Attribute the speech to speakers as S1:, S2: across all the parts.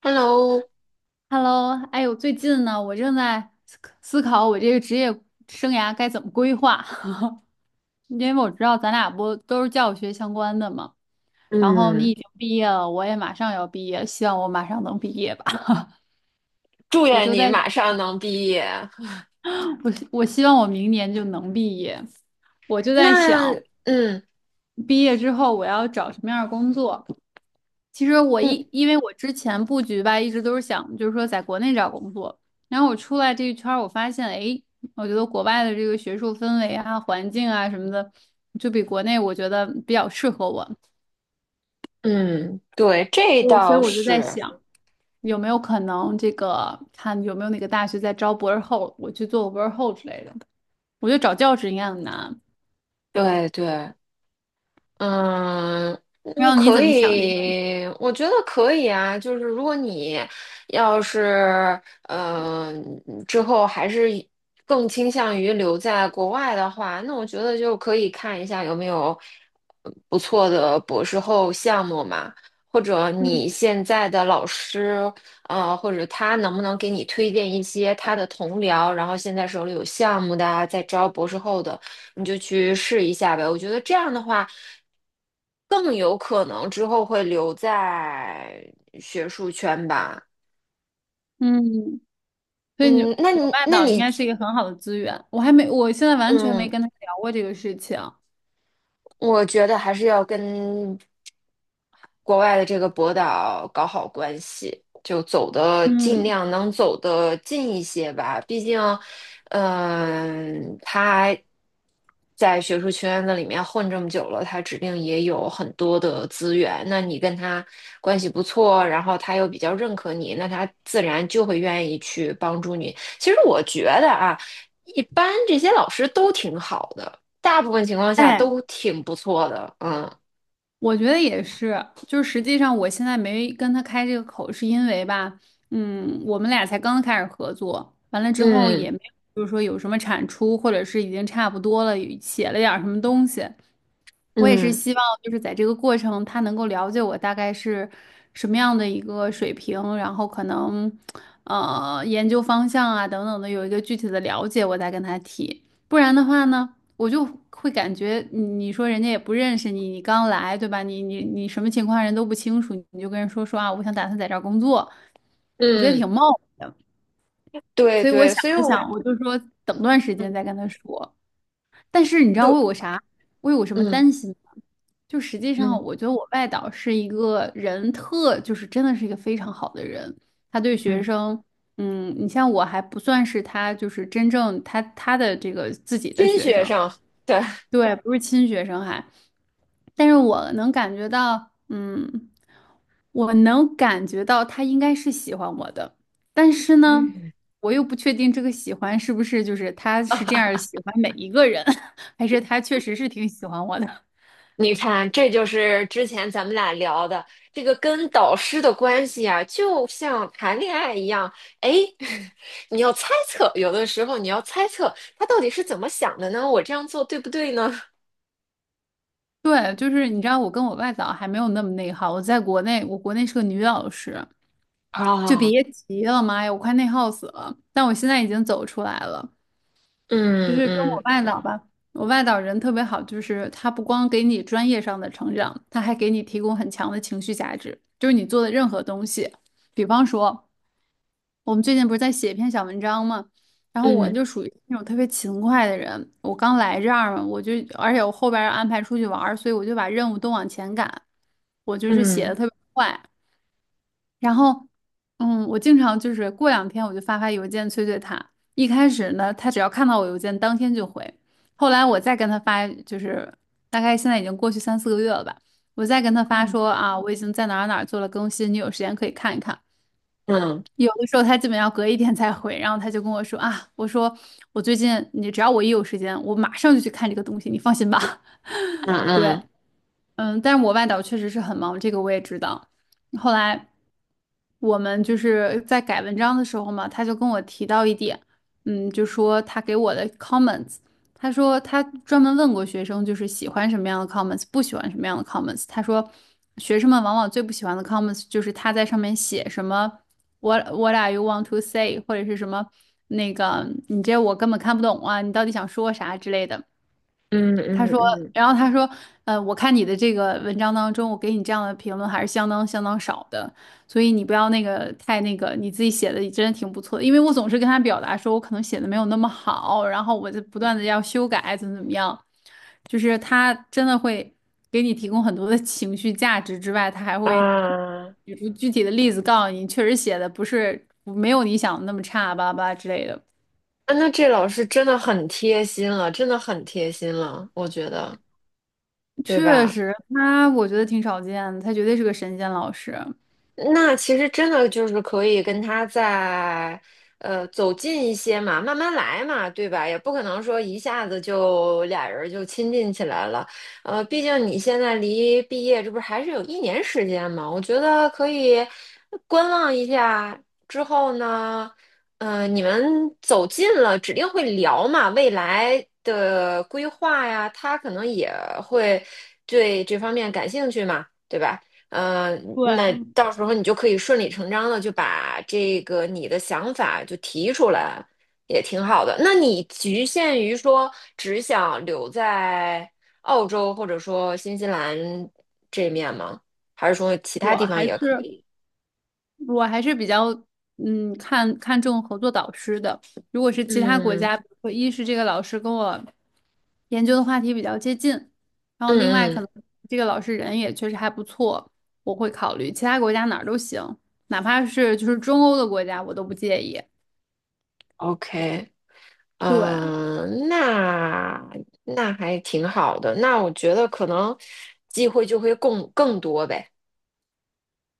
S1: Hello，
S2: Hello，哎呦，我最近呢，我正在思考我这个职业生涯该怎么规划，因为我知道咱俩不都是教育学相关的嘛，然后你
S1: 嗯，
S2: 已经毕业了，我也马上要毕业，希望我马上能毕业吧。
S1: 祝
S2: 我
S1: 愿
S2: 就
S1: 你
S2: 在，
S1: 马上能毕业。
S2: 我希望我明年就能毕业，我就在
S1: 那，
S2: 想。
S1: 嗯
S2: 毕业之后我要找什么样的工作？其实
S1: 嗯
S2: 因为我之前布局吧，一直都是想就是说在国内找工作，然后我出来这一圈儿，我发现哎，我觉得国外的这个学术氛围啊、环境啊什么的，就比国内我觉得比较适合我，
S1: 嗯，对，这
S2: 所以
S1: 倒
S2: 我就在
S1: 是，
S2: 想有没有可能这个看有没有哪个大学在招博士后，我去做个博士后之类的。我觉得找教职应该很难，
S1: 对对。嗯
S2: 不知
S1: 嗯，
S2: 道你
S1: 可
S2: 怎么想这个问题？
S1: 以，我觉得可以啊。就是如果你要是嗯，之后还是更倾向于留在国外的话，那我觉得就可以看一下有没有不错的博士后项目嘛，或者你
S2: 嗯
S1: 现在的老师，或者他能不能给你推荐一些他的同僚，然后现在手里有项目的啊，在招博士后的。你就去试一下呗。我觉得这样的话，更有可能之后会留在学术圈吧。
S2: 嗯。所以你
S1: 嗯，那
S2: 我
S1: 你，
S2: 爸
S1: 那
S2: 岛应
S1: 你，
S2: 该是一个很好的资源。我还没，我现在完全没
S1: 嗯。
S2: 跟他聊过这个事情。
S1: 我觉得还是要跟国外的这个博导搞好关系，就走的尽
S2: 嗯，
S1: 量能走得近一些吧。毕竟，他在学术圈子里面混这么久了，他指定也有很多的资源。那你跟他关系不错，然后他又比较认可你，那他自然就会愿意去帮助你。其实我觉得啊，一般这些老师都挺好的。大部分情况下
S2: 哎，
S1: 都挺不错的，嗯
S2: 我觉得也是，就是实际上我现在没跟他开这个口，是因为吧，嗯，我们俩才刚开始合作，完了之后
S1: 嗯
S2: 也没有，就是说有什么产出，或者是已经差不多了，写了点儿什么东西。我也是
S1: 嗯
S2: 希望就是在这个过程，他能够了解我大概是什么样的一个水平，然后可能研究方向啊等等的有一个具体的了解，我再跟他提。不然的话呢？我就会感觉你，你说人家也不认识你，你刚来，对吧？你什么情况人都不清楚，你就跟人说说啊，我想打算在这儿工作，我觉得
S1: 嗯，
S2: 挺冒昧的。
S1: 对
S2: 所以我
S1: 对，
S2: 想
S1: 所以
S2: 了
S1: 我
S2: 想，我就说等段时间再
S1: 嗯
S2: 跟他说。但是你知道我有个
S1: 就
S2: 啥，我有个什么
S1: 嗯
S2: 担心吗？就实际
S1: 嗯
S2: 上，我觉得我外导是一个人特，就是真的是一个非常好的人，他对学
S1: 嗯，
S2: 生。嗯，你像我还不算是他，就是真正他的这个自己的
S1: 金
S2: 学
S1: 学
S2: 生，
S1: 生，对，
S2: 对，不是亲学生还，但是我能感觉到，嗯，我能感觉到他应该是喜欢我的，但是呢，我又不确定这个喜欢是不是就是他是这样儿喜欢每一个人，还是他确实是挺喜欢我的。
S1: 你看，这就是之前咱们俩聊的这个跟导师的关系啊，就像谈恋爱一样，哎，你要猜测，有的时候你要猜测他到底是怎么想的呢？我这样做对不对呢？
S2: 对，就是你知道，我跟我外早还没有那么内耗，我在国内，我国内是个女老师，就
S1: 啊，
S2: 别提了，妈呀，我快内耗死了。但我现在已经走出来了。就
S1: 嗯
S2: 是跟我
S1: 嗯
S2: 外导吧，我外导人特别好，就是他不光给你专业上的成长，他还给你提供很强的情绪价值。就是你做的任何东西，比方说我们最近不是在写一篇小文章嘛，然后我
S1: 嗯
S2: 就属于那种特别勤快的人，我刚来这儿嘛，而且我后边要安排出去玩儿所以我就把任务都往前赶，我就是写
S1: 嗯
S2: 的特别快。然后，嗯，我经常就是过两天我就发发邮件催催他。一开始呢，他只要看到我邮件，当天就回。后来我再跟他发，就是大概现在已经过去三四个月了吧，我再跟他发
S1: 嗯
S2: 说啊，我已经在哪儿哪儿做了更新，你有时间可以看一看。
S1: 嗯
S2: 有的时候他基本要隔一天才回，然后他就跟我说啊，我说我最近你只要我一有时间，我马上就去看这个东西，你放心吧。
S1: 嗯
S2: 对，
S1: 嗯。
S2: 嗯，但是我外导确实是很忙，这个我也知道。后来我们就是在改文章的时候嘛，他就跟我提到一点，嗯，就说他给我的 comments，他说他专门问过学生，就是喜欢什么样的 comments，不喜欢什么样的 comments。他说学生们往往最不喜欢的 comments 就是他在上面写什么 what are you want to say，或者是什么那个你这我根本看不懂啊，你到底想说啥之类的。
S1: 嗯
S2: 他
S1: 嗯
S2: 说，
S1: 嗯
S2: 然后他说，我看你的这个文章当中，我给你这样的评论还是相当少的，所以你不要那个太那个，你自己写的也真的挺不错的，因为我总是跟他表达说我可能写的没有那么好，然后我就不断的要修改，怎么怎么样，就是他真的会给你提供很多的情绪价值之外，他还会
S1: 啊，
S2: 举出具体的例子告诉你，确实写的不是没有你想的那么差，巴拉巴拉之类的。
S1: 啊那这老师真的很贴心了，真的很贴心了，我觉得，对
S2: 确
S1: 吧？
S2: 实，他我觉得挺少见的，他绝对是个神仙老师。
S1: 那其实真的就是可以跟他再，走近一些嘛，慢慢来嘛，对吧？也不可能说一下子就俩人就亲近起来了。毕竟你现在离毕业这不是还是有一年时间嘛，我觉得可以观望一下。之后呢，你们走近了，指定会聊嘛，未来的规划呀，他可能也会对这方面感兴趣嘛，对吧？嗯，
S2: 对，
S1: 那到时候你就可以顺理成章的就把这个你的想法就提出来，也挺好的。那你局限于说只想留在澳洲或者说新西兰这面吗？还是说其他
S2: 我
S1: 地方
S2: 还
S1: 也可
S2: 是
S1: 以？
S2: 我还是比较嗯看看重合作导师的。如果是其他国
S1: 嗯
S2: 家，比如说一是这个老师跟我研究的话题比较接近，然后另外
S1: 嗯
S2: 可
S1: 嗯
S2: 能这个老师人也确实还不错，我会考虑其他国家哪儿都行，哪怕是就是中欧的国家我都不介意。
S1: ，OK，
S2: 对，
S1: 嗯、那还挺好的。那我觉得可能机会就会更多呗。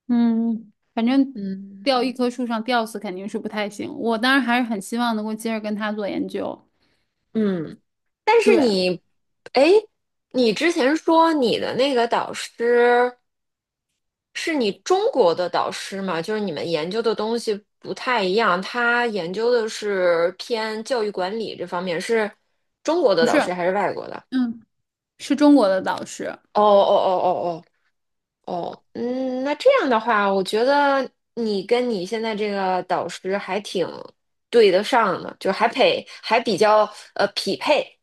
S2: 嗯，反正
S1: 嗯
S2: 吊一棵树上吊死肯定是不太行。我当然还是很希望能够接着跟他做研究。
S1: 嗯。但是
S2: 对，
S1: 你，哎，你之前说你的那个导师是你中国的导师吗？就是你们研究的东西不太一样，他研究的是偏教育管理这方面，是中国的
S2: 不是。
S1: 导师还是外国的？
S2: 嗯。是中国的导师。
S1: 哦哦哦哦哦哦，嗯，那这样的话，我觉得你跟你现在这个导师还挺对得上的，就还配还比较匹配，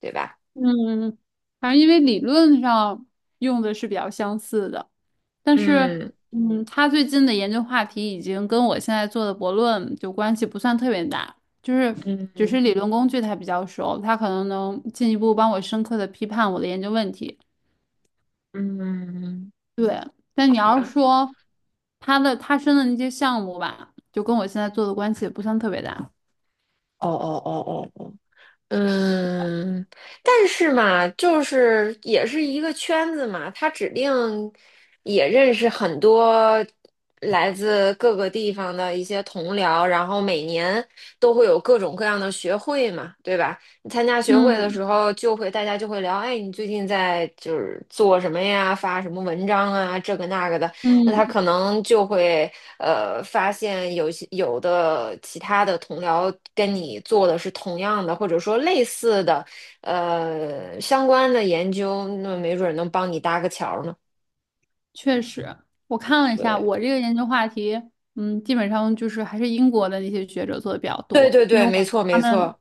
S1: 对吧？
S2: 嗯反正因为理论上用的是比较相似的，但是，
S1: 嗯
S2: 嗯，他最近的研究话题已经跟我现在做的博论就关系不算特别大，就是只
S1: 嗯
S2: 是理论工具他比较熟，他可能能进一步帮我深刻的批判我的研究问题。
S1: 嗯。
S2: 对，但你要是
S1: 吧。
S2: 说他申的那些项目吧，就跟我现在做的关系也不算特别大。
S1: 哦哦哦哦哦，嗯，但是嘛，就是也是一个圈子嘛，他指定也认识很多来自各个地方的一些同僚，然后每年都会有各种各样的学会嘛，对吧？你参加学会的
S2: 嗯
S1: 时候，就会大家就会聊，哎，你最近在就是做什么呀，发什么文章啊，这个那个的。那他
S2: 嗯，
S1: 可能就会发现有的其他的同僚跟你做的是同样的，或者说类似的相关的研究，那没准儿能帮你搭个桥儿呢。
S2: 确实，我看了一下，
S1: 对，
S2: 我这个研究话题，嗯，基本上就是还是英国的那些学者做的比较
S1: 对
S2: 多，
S1: 对
S2: 因
S1: 对，
S2: 为我感
S1: 没
S2: 觉
S1: 错
S2: 他
S1: 没
S2: 们
S1: 错。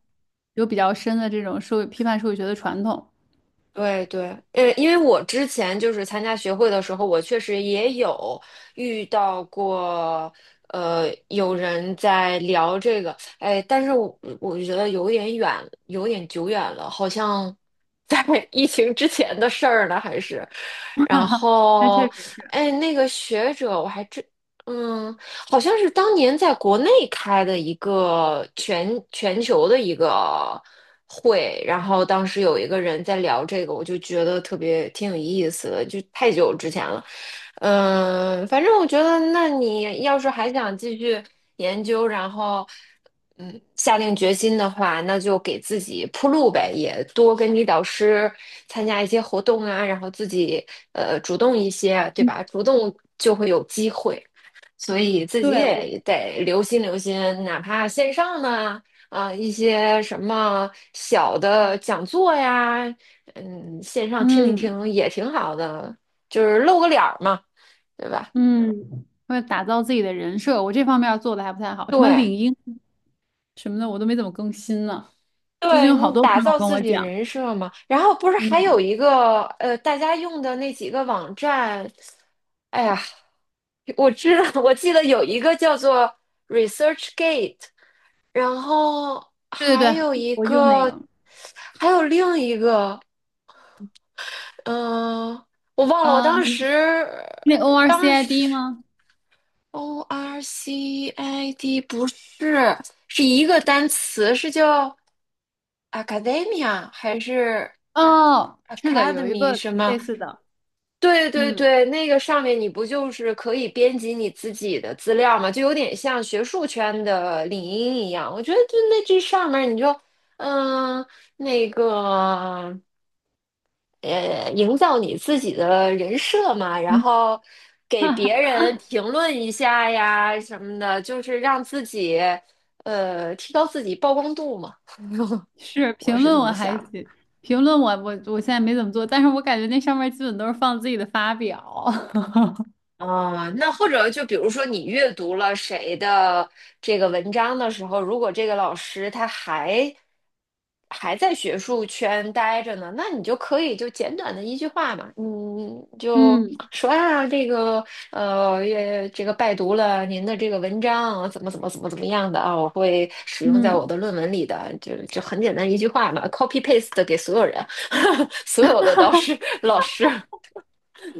S2: 有比较深的这种社会批判社会学的传统。
S1: 对对，因为我之前就是参加学会的时候，我确实也有遇到过，有人在聊这个，哎，但是我觉得有点远，有点久远了，好像在 疫情之前的事儿呢，还是，然
S2: 那确
S1: 后，
S2: 实是，
S1: 哎，那个学者我还真，嗯，好像是当年在国内开的一个全球的一个会，然后当时有一个人在聊这个，我就觉得特别挺有意思的，就太久之前了。嗯，反正我觉得，那你要是还想继续研究，然后下定决心的话，那就给自己铺路呗，也多跟你导师参加一些活动啊，然后自己主动一些，对吧？主动就会有机会。所以自己
S2: 对，我，
S1: 也得留心留心，哪怕线上呢，啊、一些什么小的讲座呀，嗯，线上听一
S2: 嗯
S1: 听也挺好的，就是露个脸儿嘛，对吧？
S2: 嗯，为了打造自己的人设，我这方面儿做的还不太好，什么
S1: 对，
S2: 领英什么的，我都没怎么更新呢。最近
S1: 对
S2: 有好
S1: 你
S2: 多朋
S1: 打
S2: 友
S1: 造
S2: 跟
S1: 自
S2: 我
S1: 己
S2: 讲，
S1: 人设嘛。然后不是还有
S2: 嗯，
S1: 一个大家用的那几个网站，哎呀，我知道，我记得有一个叫做 ResearchGate。然后
S2: 对对
S1: 还
S2: 对，
S1: 有一
S2: 我用那
S1: 个，
S2: 个，
S1: 还有另一个，嗯、我忘了，我当时
S2: 你那
S1: 当
S2: ORCID
S1: 时
S2: 吗？
S1: ORCID 不是，是一个单词，是叫 Academia 还是
S2: 哦，是的，有一
S1: Academy
S2: 个
S1: 什么？
S2: 类似的。
S1: 对对
S2: 嗯，
S1: 对，那个上面你不就是可以编辑你自己的资料吗？就有点像学术圈的领英一样。我觉得就那这上面你就嗯那个营造你自己的人设嘛，然后给别 人评论一下呀什么的，就是让自己提高自己曝光度嘛。
S2: 是
S1: 我
S2: 评
S1: 是
S2: 论
S1: 这
S2: 我
S1: 么
S2: 还
S1: 想。
S2: 行，评论我现在没怎么做，但是我感觉那上面基本都是放自己的发表。
S1: 啊，那或者就比如说你阅读了谁的这个文章的时候，如果这个老师他还在学术圈待着呢，那你就可以就简短的一句话嘛，嗯，就
S2: 嗯
S1: 说啊，这个也这个拜读了您的这个文章，怎么怎么怎么怎么样的啊，我会使用在我
S2: 嗯，
S1: 的论文里的，就很简单一句话嘛，copy paste 给所有人，所有的导师 老师，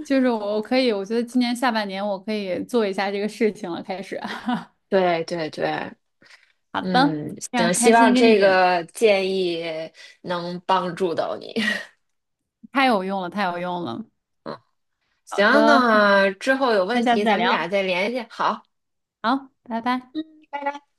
S2: 就是我可以，我觉得今年下半年我可以做一下这个事情了，开始。
S1: 对对对，
S2: 好的，
S1: 嗯，
S2: 非常
S1: 行，希
S2: 开
S1: 望
S2: 心跟
S1: 这
S2: 你，
S1: 个建议能帮助到你。
S2: 太有用了，太有用了。好
S1: 行，
S2: 的，
S1: 那之后有
S2: 那
S1: 问
S2: 下次
S1: 题
S2: 再
S1: 咱们俩
S2: 聊。
S1: 再联系。好，
S2: 好，拜拜。
S1: 拜拜。